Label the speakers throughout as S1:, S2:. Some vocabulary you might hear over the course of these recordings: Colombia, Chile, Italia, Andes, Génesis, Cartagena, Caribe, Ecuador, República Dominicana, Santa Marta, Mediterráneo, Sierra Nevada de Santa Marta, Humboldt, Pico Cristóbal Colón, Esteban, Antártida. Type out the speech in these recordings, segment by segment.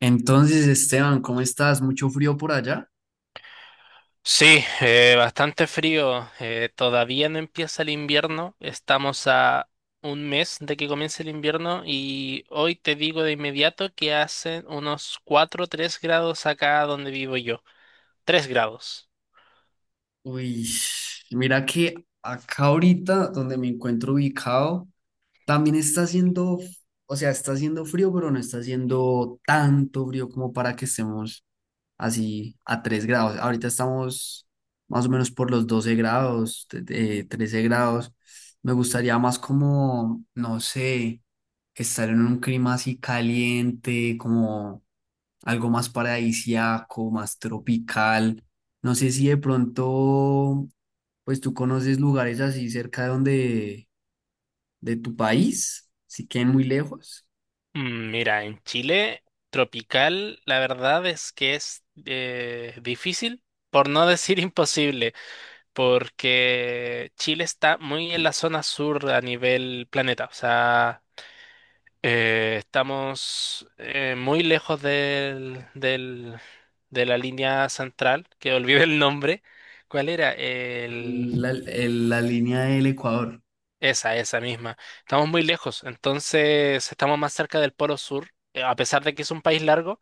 S1: Entonces, Esteban, ¿cómo estás? ¿Mucho frío por allá?
S2: Sí, bastante frío. Todavía no empieza el invierno. Estamos a un mes de que comience el invierno y hoy te digo de inmediato que hacen unos 4, o 3 grados acá donde vivo yo. Tres grados.
S1: Uy, mira que acá ahorita donde me encuentro ubicado, también está haciendo, o sea, está haciendo frío, pero no está haciendo tanto frío como para que estemos así a 3 grados. Ahorita estamos más o menos por los 12 grados, 13 grados. Me gustaría más como, no sé, estar en un clima así caliente, como algo más paradisiaco, más tropical. No sé si de pronto, pues tú conoces lugares así cerca de donde, de tu país, si queden muy lejos,
S2: Mm, mira, en Chile tropical, la verdad es que es difícil, por no decir imposible, porque Chile está muy en la zona sur a nivel planeta. O sea... estamos muy lejos de la línea central, que olvidé el nombre. ¿Cuál era? El,
S1: la línea del Ecuador.
S2: esa misma. Estamos muy lejos, entonces estamos más cerca del Polo Sur, a pesar de que es un país largo,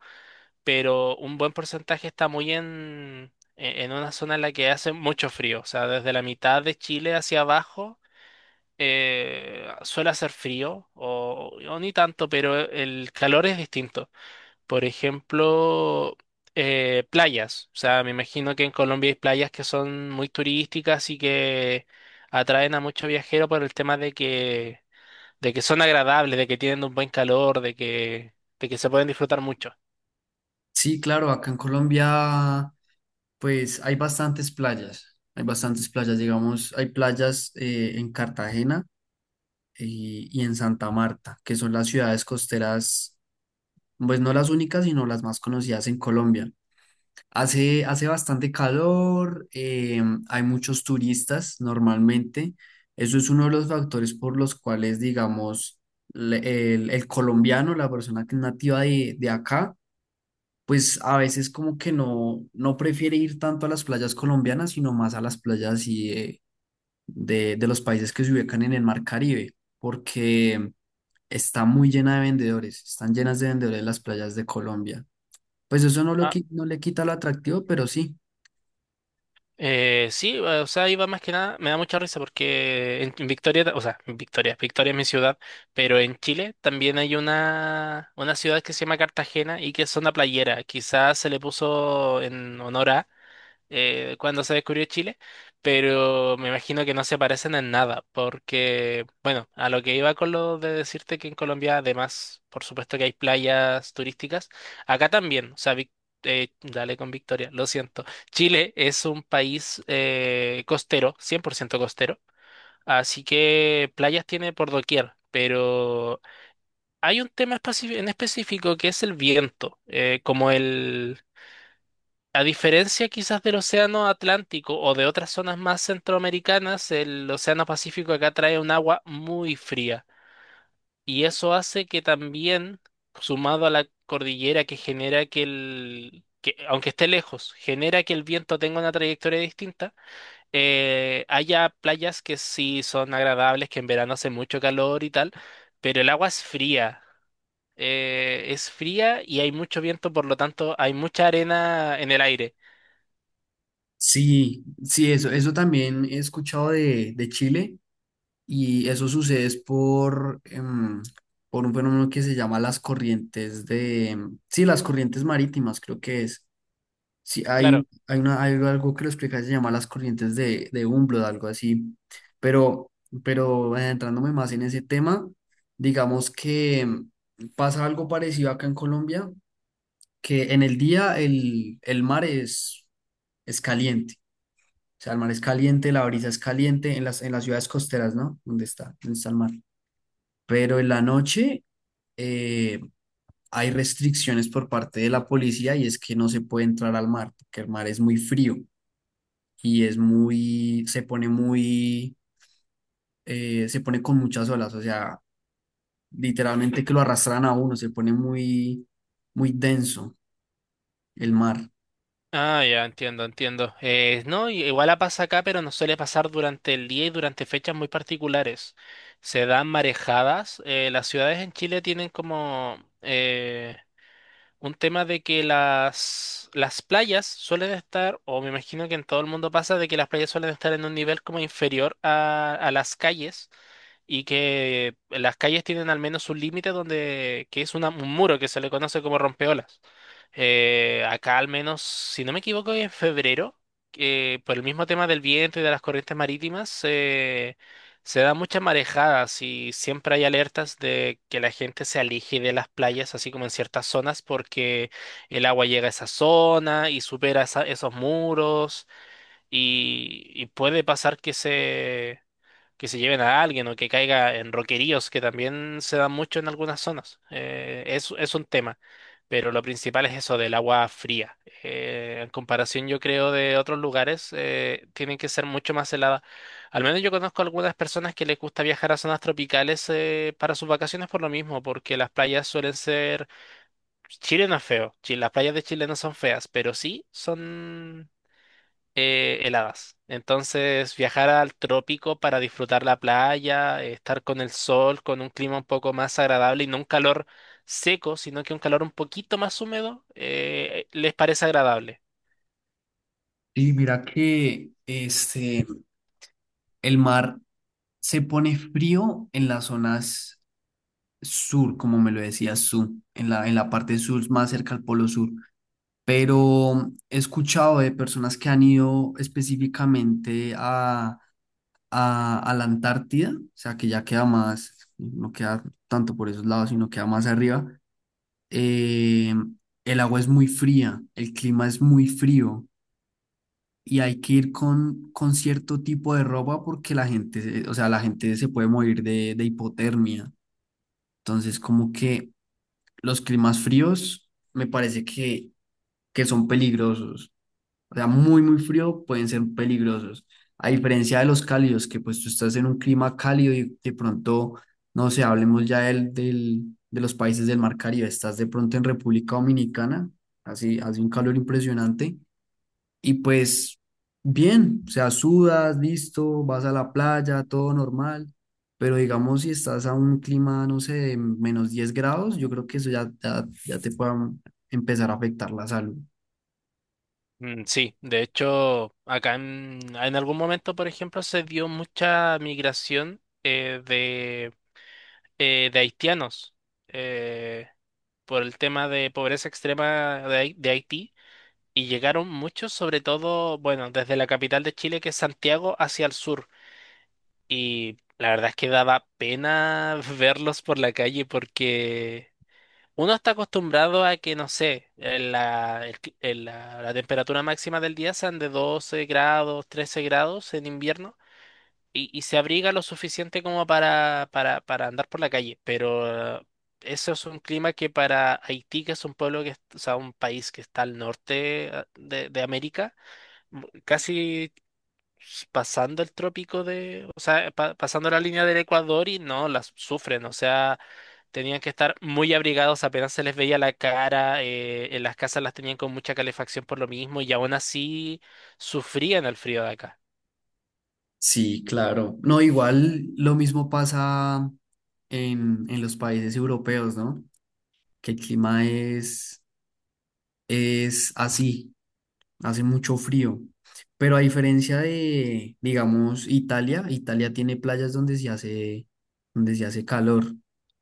S2: pero un buen porcentaje está muy en una zona en la que hace mucho frío, o sea, desde la mitad de Chile hacia abajo suele hacer frío, o ni tanto, pero el calor es distinto. Por ejemplo, playas. O sea, me imagino que en Colombia hay playas que son muy turísticas y que atraen a muchos viajeros por el tema de que son agradables, de que tienen un buen calor, de que se pueden disfrutar mucho.
S1: Sí, claro, acá en Colombia, pues hay bastantes playas, digamos, hay playas en Cartagena y en Santa Marta, que son las ciudades costeras, pues no las únicas, sino las más conocidas en Colombia. Hace bastante calor. Hay muchos turistas normalmente. Eso es uno de los factores por los cuales, digamos, el colombiano, la persona que es nativa de acá, pues a veces como que no prefiere ir tanto a las playas colombianas, sino más a las playas y, de los países que se ubican en el mar Caribe, porque está muy llena de vendedores, están llenas de vendedores las playas de Colombia. Pues eso no,
S2: Ah,
S1: no le quita lo atractivo, pero sí.
S2: sí, o sea, iba más que nada, me da mucha risa porque en Victoria, o sea, en Victoria, Victoria es mi ciudad, pero en Chile también hay una ciudad que se llama Cartagena y que es una playera, quizás se le puso en honor a cuando se descubrió Chile, pero me imagino que no se parecen en nada, porque, bueno, a lo que iba con lo de decirte que en Colombia, además, por supuesto que hay playas turísticas, acá también, o sea, dale con Victoria, lo siento. Chile es un país costero, 100% costero, así que playas tiene por doquier. Pero hay un tema en específico que es el viento, como el, a diferencia quizás del Océano Atlántico o de otras zonas más centroamericanas, el Océano Pacífico acá trae un agua muy fría y eso hace que también, sumado a la cordillera que genera que el, que, aunque esté lejos, genera que el viento tenga una trayectoria distinta, haya playas que sí son agradables, que en verano hace mucho calor y tal, pero el agua es fría. Es fría y hay mucho viento, por lo tanto hay mucha arena en el aire.
S1: Sí, sí, eso también he escuchado de Chile y eso sucede es por un fenómeno que se llama las corrientes de, sí, las corrientes marítimas creo que es. Sí, hay,
S2: Claro.
S1: un- hay, una, hay algo que lo explica, se llama las corrientes de Humboldt, algo así. Pero, pero adentrándome más en ese tema, digamos que pasa algo parecido acá en Colombia, que en el día el mar es caliente. O sea, el mar es caliente, la brisa es caliente en las ciudades costeras, ¿no? ¿Dónde está? ¿Dónde está el mar? Pero en la noche eh, hay restricciones por parte de la policía y es que no se puede entrar al mar, porque el mar es muy frío y es muy, se pone con muchas olas, o sea, literalmente que lo arrastran a uno, se pone muy, muy denso el mar.
S2: Ah, ya, entiendo, entiendo. No, igual la pasa acá, pero no suele pasar durante el día y durante fechas muy particulares. Se dan marejadas. Las ciudades en Chile tienen como... un tema de que las playas suelen estar, o me imagino que en todo el mundo pasa, de que las playas suelen estar en un nivel como inferior a las calles y que las calles tienen al menos un límite donde, que es un muro que se le conoce como rompeolas. Acá al menos, si no me equivoco, en febrero, que por el mismo tema del viento y de las corrientes marítimas, se da mucha marejada, y siempre hay alertas de que la gente se aleje de las playas, así como en ciertas zonas, porque el agua llega a esa zona y supera esos muros y puede pasar que se lleven a alguien o que caiga en roqueríos, que también se dan mucho en algunas zonas. Es un tema, pero lo principal es eso del agua fría. En comparación, yo creo, de otros lugares, tienen que ser mucho más heladas. Al menos yo conozco algunas personas que les gusta viajar a zonas tropicales para sus vacaciones por lo mismo, porque las playas suelen ser... Chile no es feo, las playas de Chile no son feas, pero sí son heladas. Entonces, viajar al trópico para disfrutar la playa, estar con el sol, con un clima un poco más agradable y no un calor seco, sino que un calor un poquito más húmedo, les parece agradable.
S1: Y mira que este, el mar se pone frío en las zonas sur, como me lo decías en la parte sur, más cerca al Polo Sur. Pero he escuchado de personas que han ido específicamente a la Antártida, o sea, que ya queda más, no queda tanto por esos lados, sino queda más arriba. Eh, el agua es muy fría, el clima es muy frío. Y hay que ir con cierto tipo de ropa porque la gente, o sea, la gente se puede morir de hipotermia. Entonces, como que los climas fríos me parece que son peligrosos. O sea, muy, muy frío pueden ser peligrosos. A diferencia de los cálidos, que pues tú estás en un clima cálido y de pronto, no sé, hablemos ya de los países del Mar Caribe, estás de pronto en República Dominicana, así hace un calor impresionante y pues bien, o sea, sudas, listo, vas a la playa, todo normal, pero digamos si estás a un clima, no sé, de -10 grados, yo creo que eso ya, ya, ya te puede empezar a afectar la salud.
S2: Mm, sí, de hecho, acá en algún momento, por ejemplo, se dio mucha migración de haitianos eh, por el tema de pobreza extrema de de Haití. Y llegaron muchos, sobre todo, bueno, desde la capital de Chile, que es Santiago, hacia el sur. Y la verdad es que daba pena verlos por la calle porque uno está acostumbrado a que, no sé, en la, en la, la temperatura máxima del día sean de 12 grados, 13 grados en invierno y se abriga lo suficiente como para andar por la calle. Pero eso es un clima que para Haití, que es un pueblo que, o sea, un país que está al norte de América, casi pasando el trópico de, o sea, pasando la línea del Ecuador y no, las sufren, o sea, tenían que estar muy abrigados, apenas se les veía la cara, en las casas las tenían con mucha calefacción por lo mismo y aún así sufrían el frío de acá.
S1: Sí, claro. No, igual lo mismo pasa en los países europeos, ¿no? Que el clima es así. Hace mucho frío. Pero a diferencia de, digamos, Italia tiene playas donde se hace calor.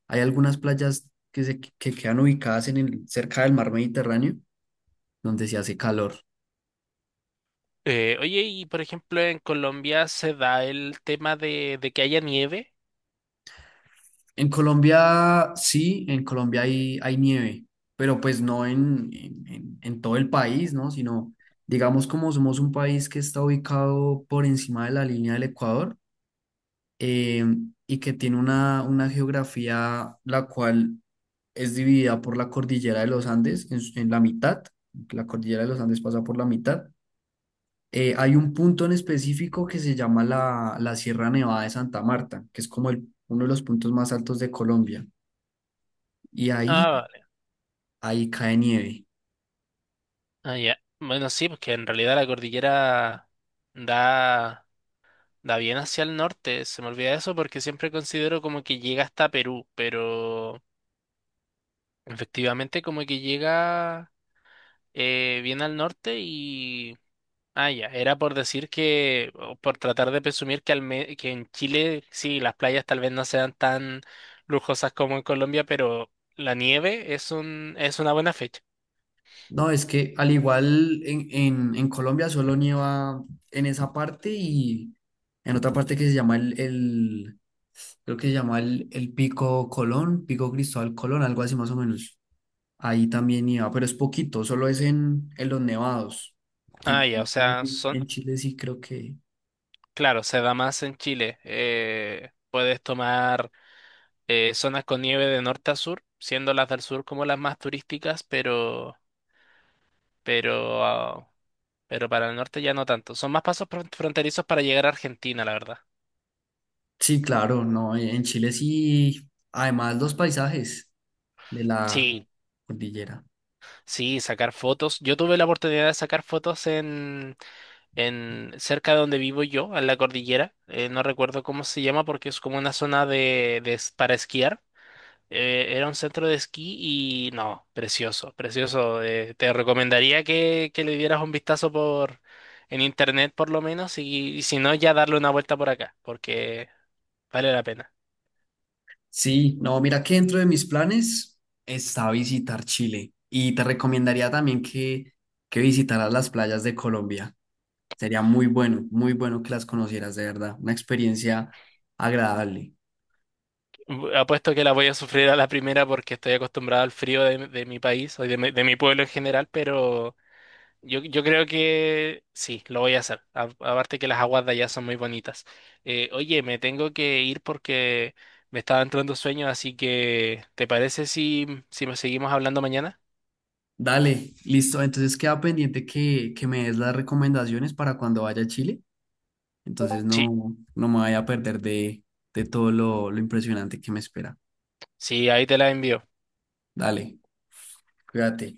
S1: Hay algunas playas que quedan ubicadas cerca del mar Mediterráneo, donde se hace calor.
S2: Oye, y por ejemplo, en Colombia se da el tema de que haya nieve.
S1: En Colombia, sí, en Colombia hay nieve, pero pues no en todo el país, ¿no? Sino, digamos, como somos un país que está ubicado por encima de la línea del Ecuador, eh, y que tiene una geografía la cual es dividida por la cordillera de los Andes en la mitad, la cordillera de los Andes pasa por la mitad. Hay un punto en específico que se llama la Sierra Nevada de Santa Marta, que es como uno de los puntos más altos de Colombia, y ahí,
S2: Ah, vale.
S1: ahí cae nieve.
S2: Ah, ya. Bueno, sí, porque en realidad la cordillera da. Da bien hacia el norte, se me olvida eso porque siempre considero como que llega hasta Perú, pero efectivamente como que llega bien al norte y... Ah, ya, era por decir que, o por tratar de presumir que, que en Chile sí, las playas tal vez no sean tan lujosas como en Colombia, pero la nieve es un, es una buena fecha.
S1: No, es que al igual en Colombia solo nieva en esa parte y en otra parte que se llama el, creo que se llama el Pico Colón, Pico Cristóbal Colón, algo así más o menos. Ahí también iba, pero es poquito, solo es en los nevados. En,
S2: Ah, ya, o sea, son,
S1: en Chile sí creo que...
S2: claro, se da más en Chile. Puedes tomar... zonas con nieve de norte a sur, siendo las del sur como las más turísticas, pero, ah, pero para el norte ya no tanto. Son más pasos fronterizos para llegar a Argentina, la verdad.
S1: Sí, claro, no, en Chile sí, además los paisajes de la
S2: Sí,
S1: cordillera.
S2: sí, sacar fotos. Yo tuve la oportunidad de sacar fotos en cerca de donde vivo yo, en la cordillera. No recuerdo cómo se llama porque es como una zona de, para esquiar. Era un centro de esquí y no, precioso, precioso. Te recomendaría que le dieras un vistazo por en internet por lo menos y si no ya darle una vuelta por acá, porque vale la pena.
S1: Sí, no, mira que dentro de mis planes está visitar Chile y te recomendaría también que visitaras las playas de Colombia. Sería muy bueno, muy bueno que las conocieras de verdad. Una experiencia agradable.
S2: Apuesto que la voy a sufrir a la primera porque estoy acostumbrado al frío de mi país o de mi pueblo en general, pero yo creo que sí, lo voy a hacer. Aparte que las aguas de allá son muy bonitas. Oye, me tengo que ir porque me estaba entrando sueño, así que ¿te parece si, si nos seguimos hablando mañana?
S1: Dale, listo. Entonces queda pendiente que me des las recomendaciones para cuando vaya a Chile. Entonces
S2: Sí,
S1: no me vaya a perder de todo lo impresionante que me espera.
S2: sí, ahí te la envío.
S1: Dale, cuídate.